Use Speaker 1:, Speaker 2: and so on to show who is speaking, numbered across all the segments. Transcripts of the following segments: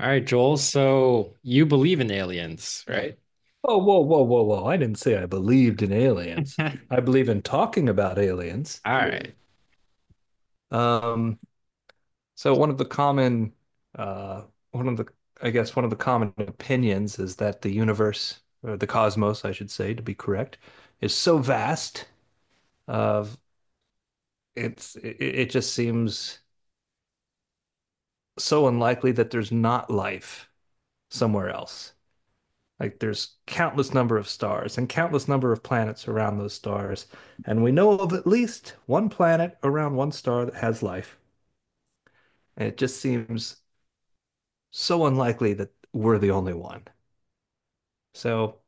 Speaker 1: All right, Joel. So you believe in aliens, right?
Speaker 2: Whoa, whoa, whoa, whoa, whoa. I didn't say I believed in aliens.
Speaker 1: All
Speaker 2: I believe in talking about aliens.
Speaker 1: right.
Speaker 2: Um, so one of the common uh one of the I guess one of the common opinions is that the universe, or the cosmos, I should say, to be correct, is so vast of it just seems so unlikely that there's not life somewhere else. Like there's countless number of stars and countless number of planets around those stars. And we know of at least one planet around one star that has life. And it just seems so unlikely that we're the only one. So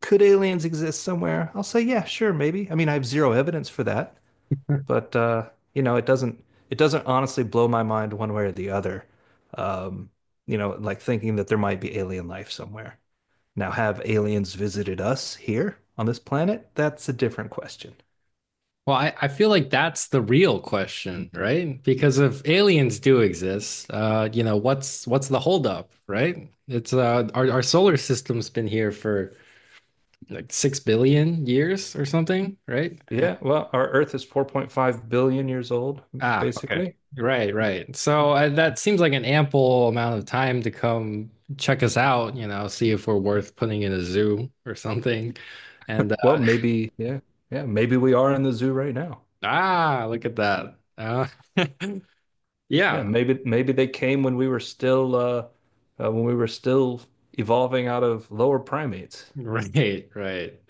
Speaker 2: could aliens exist somewhere? I'll say, yeah, sure, maybe. I mean, I have zero evidence for that, but it doesn't honestly blow my mind one way or the other. Um, like thinking that there might be alien life somewhere. Now, have aliens visited us here on this planet? That's a different question.
Speaker 1: Well, I feel like that's the real question, right? Because if aliens do exist, you know, what's the holdup, right? It's our solar system's been here for like 6 billion years or something, right?
Speaker 2: Yeah, well, our Earth is 4.5 billion years old,
Speaker 1: Ah, okay.
Speaker 2: basically.
Speaker 1: Right, right. So that seems like an ample amount of time to come check us out, you know, see if we're worth putting in a zoo or something. And
Speaker 2: Well, maybe, yeah, yeah, maybe we are in the zoo right now.
Speaker 1: Ah, look at that.
Speaker 2: Yeah,
Speaker 1: Yeah,
Speaker 2: maybe they came when we were still uh when we were still evolving out of lower primates.
Speaker 1: right, right.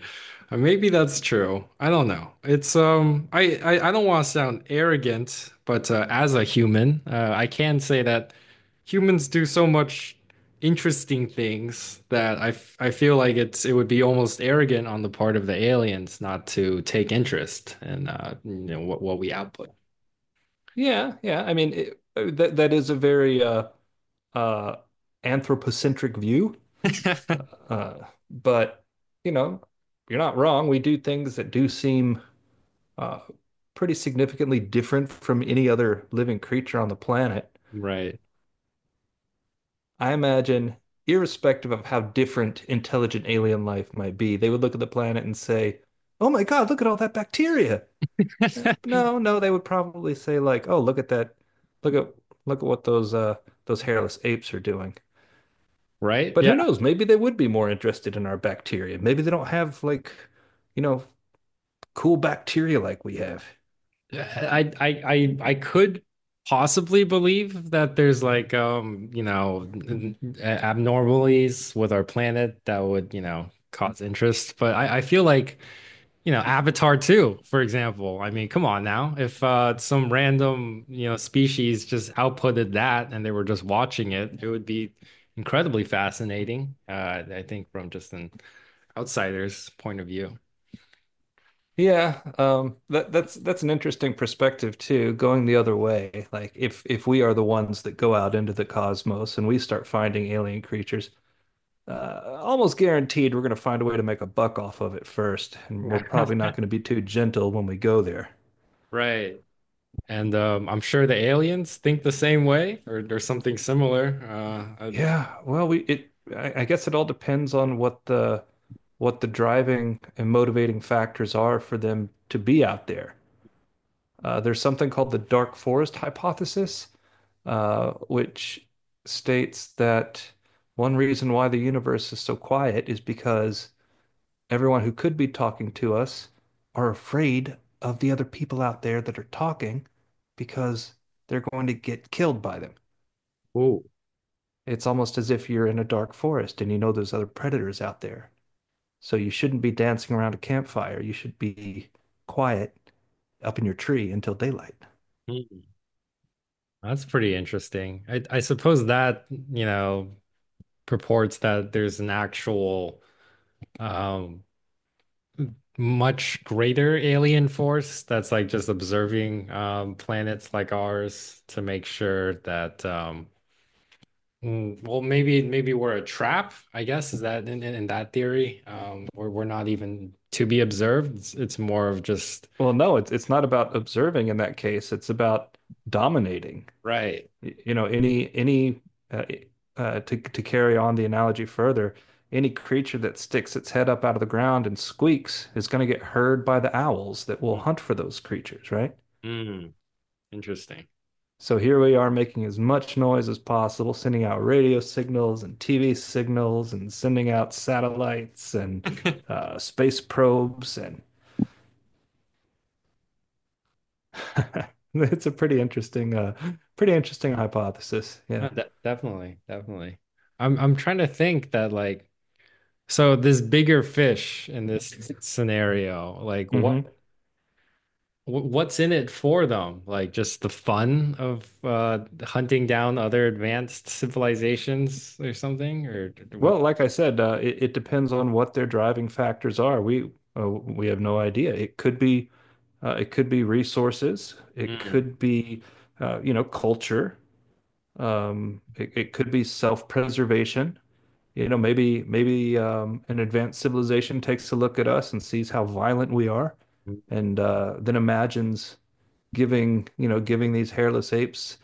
Speaker 1: Maybe that's true. I don't know. It's I don't want to sound arrogant, but as a human, I can say that humans do so much interesting things that I feel like it would be almost arrogant on the part of the aliens not to take interest in you know what we output.
Speaker 2: Yeah, yeah. I mean, that is a very uh, anthropocentric view. Uh, but, you know, you're not wrong. We do things that do seem uh, pretty significantly different from any other living creature on the planet.
Speaker 1: Right.
Speaker 2: I imagine, irrespective of how different intelligent alien life might be, they would look at the planet and say, "Oh my God, look at all that bacteria." No, no, they would probably say, like, "Oh, look at that. Look at look at what those hairless apes are doing."
Speaker 1: Right?
Speaker 2: But
Speaker 1: Yeah.
Speaker 2: who knows? Maybe they would be more interested in our bacteria. Maybe they don't have, like, you know, cool bacteria like we have.
Speaker 1: I could possibly believe that there's like you know abnormalities with our planet that would you know cause interest, but I feel like you know Avatar 2, for example. I mean, come on now. If some random you know species just outputted that and they were just watching it, it would be incredibly fascinating. I think from just an outsider's point of view.
Speaker 2: Yeah, that's an interesting perspective too, going the other way. Like if we are the ones that go out into the cosmos and we start finding alien creatures, almost guaranteed we're going to find a way to make a buck off of it first, and we're probably not going to be too gentle when we go there.
Speaker 1: Right. And I'm sure the aliens think the same way or something similar.
Speaker 2: Yeah, well, I guess it all depends on what the driving and motivating factors are for them to be out there. There's something called the dark forest hypothesis, which states that one reason why the universe is so quiet is because everyone who could be talking to us are afraid of the other people out there that are talking because they're going to get killed by them.
Speaker 1: Ooh.
Speaker 2: It's almost as if you're in a dark forest and you know there's other predators out there. So you shouldn't be dancing around a campfire. You should be quiet up in your tree until daylight.
Speaker 1: Hmm. That's pretty interesting. I suppose that, you know, purports that there's an actual um, much greater alien force that's like just observing planets like ours to make sure that, well, maybe we're a trap, I guess, is that in that theory? We're not even to be observed. It's more of just.
Speaker 2: Well, no, it's not about observing in that case. It's about dominating.
Speaker 1: Right.
Speaker 2: You know, any uh, to carry on the analogy further, any creature that sticks its head up out of the ground and squeaks is going to get heard by the owls that will hunt for those creatures, right?
Speaker 1: Mm, interesting.
Speaker 2: So here we are making as much noise as possible, sending out radio signals and TV signals and sending out satellites and space probes and it's a pretty interesting hypothesis. Yeah.
Speaker 1: Definitely, definitely. I'm trying to think that like so this bigger fish in this scenario, like
Speaker 2: Hmm.
Speaker 1: what's in it for them? Like just the fun of hunting down other advanced civilizations or something
Speaker 2: Well,
Speaker 1: what?
Speaker 2: like I said, it depends on what their driving factors are. We have no idea. It could be resources. It
Speaker 1: Mm.
Speaker 2: could be culture. It could be self-preservation. Maybe an advanced civilization takes a look at us and sees how violent we are, and then imagines giving, giving these hairless apes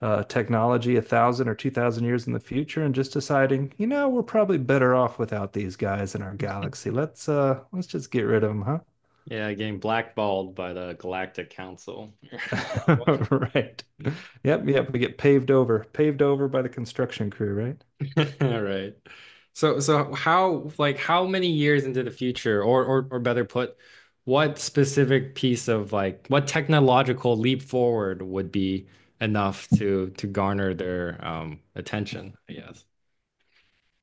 Speaker 2: technology 1,000 or 2,000 years in the future, and just deciding, we're probably better off without these guys in our galaxy. Let's just get rid of them, huh?
Speaker 1: Yeah, getting blackballed by the Galactic Council.
Speaker 2: Right. Yep, yep. We get paved over, paved over by the construction crew, right?
Speaker 1: All right. So how like how many years into the future or better put, what specific piece of like what technological leap forward would be enough to garner their attention, I guess.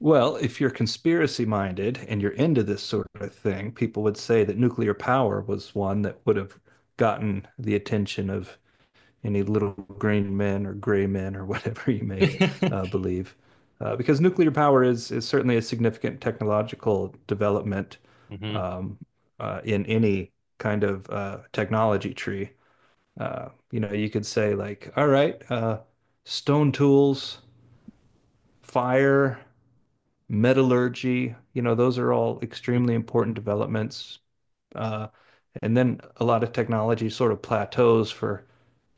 Speaker 2: Well, if you're conspiracy minded and you're into this sort of thing, people would say that nuclear power was one that would have gotten the attention of any little green men or gray men or whatever you may believe. Because nuclear power is certainly a significant technological development
Speaker 1: Hmm.
Speaker 2: um, in any kind of technology tree. You could say, like, "All right, stone tools, fire, metallurgy." You know, those are all extremely important developments. Uh, and then a lot of technology sort of plateaus for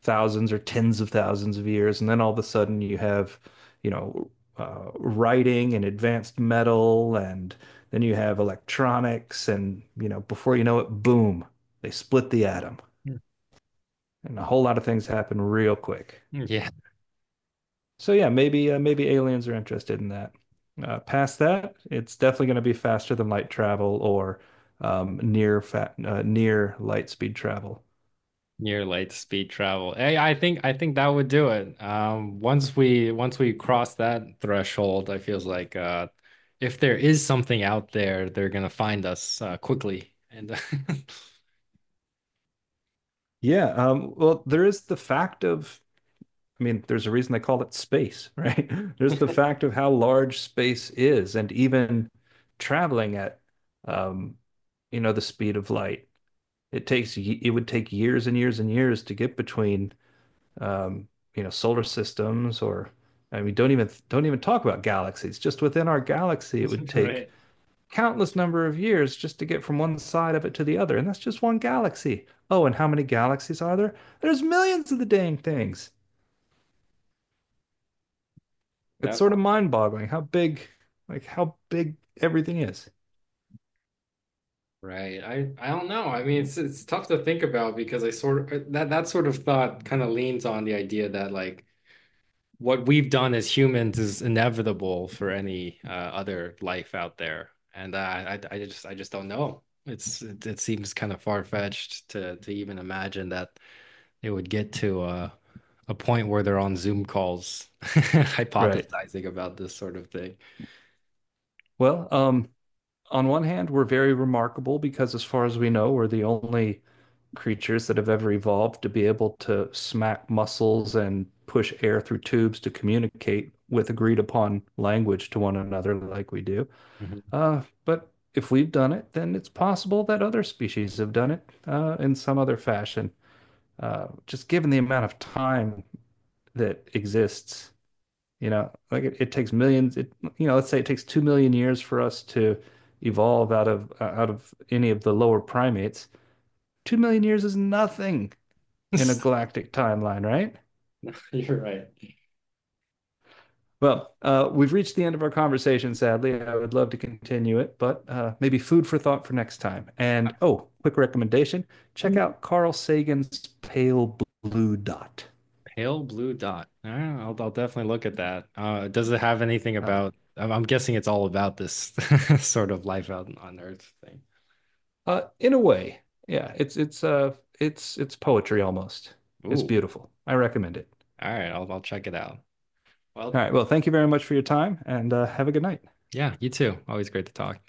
Speaker 2: thousands or tens of thousands of years. And then all of a sudden you have, you know, writing and advanced metal, and then you have electronics. And, before you know it, boom, they split the atom. And a whole lot of things happen real quick.
Speaker 1: Yeah.
Speaker 2: So yeah, maybe aliens are interested in that. Past that, it's definitely going to be faster than light travel, or near light speed travel.
Speaker 1: Near light speed travel. Hey, I think that would do it. Once we cross that threshold, I feels like if there is something out there, they're gonna find us quickly. And
Speaker 2: Yeah, well, there is the fact of — I mean, there's a reason they call it space, right? There's the fact of how large space is, and even traveling at, um, the speed of light, it would take years and years and years to get between um, solar systems, or I mean, don't even talk about galaxies. Just within our galaxy, it would take
Speaker 1: right,
Speaker 2: countless number of years just to get from one side of it to the other, and that's just one galaxy. Oh, and how many galaxies are there? There's millions of the dang things. It's
Speaker 1: that
Speaker 2: sort of mind-boggling how big, how big everything is.
Speaker 1: right. I don't know. I mean, it's tough to think about because I sort of that sort of thought kind of leans on the idea that like what we've done as humans is inevitable for any other life out there, and I just don't know. It seems kind of far-fetched to even imagine that it would get to a point where they're on Zoom calls
Speaker 2: Right.
Speaker 1: hypothesizing about this sort of thing.
Speaker 2: Well, on one hand, we're very remarkable because, as far as we know, we're the only creatures that have ever evolved to be able to smack muscles and push air through tubes to communicate with agreed upon language to one another like we do.
Speaker 1: Mhm.
Speaker 2: But if we've done it, then it's possible that other species have done it, in some other fashion. Just given the amount of time that exists, like it takes millions, it, you know, let's say it takes 2 million years for us to evolve out of any of the lower primates. 2 million years is nothing in a galactic timeline, right?
Speaker 1: You're right.
Speaker 2: Well, we've reached the end of our conversation, sadly. I would love to continue it, but maybe food for thought for next time. And, oh, quick recommendation: check out Carl Sagan's Pale Blue Dot.
Speaker 1: Pale blue dot. All right, I'll definitely look at that. Does it have anything
Speaker 2: Uh,
Speaker 1: about? I'm guessing it's all about this sort of life out on Earth thing.
Speaker 2: in a way, yeah, it's poetry almost. It's
Speaker 1: Ooh.
Speaker 2: beautiful. I recommend it.
Speaker 1: All right, I'll check it out.
Speaker 2: All
Speaker 1: Well,
Speaker 2: right. Well, thank you very much for your time, and have a good night.
Speaker 1: yeah, you too. Always great to talk.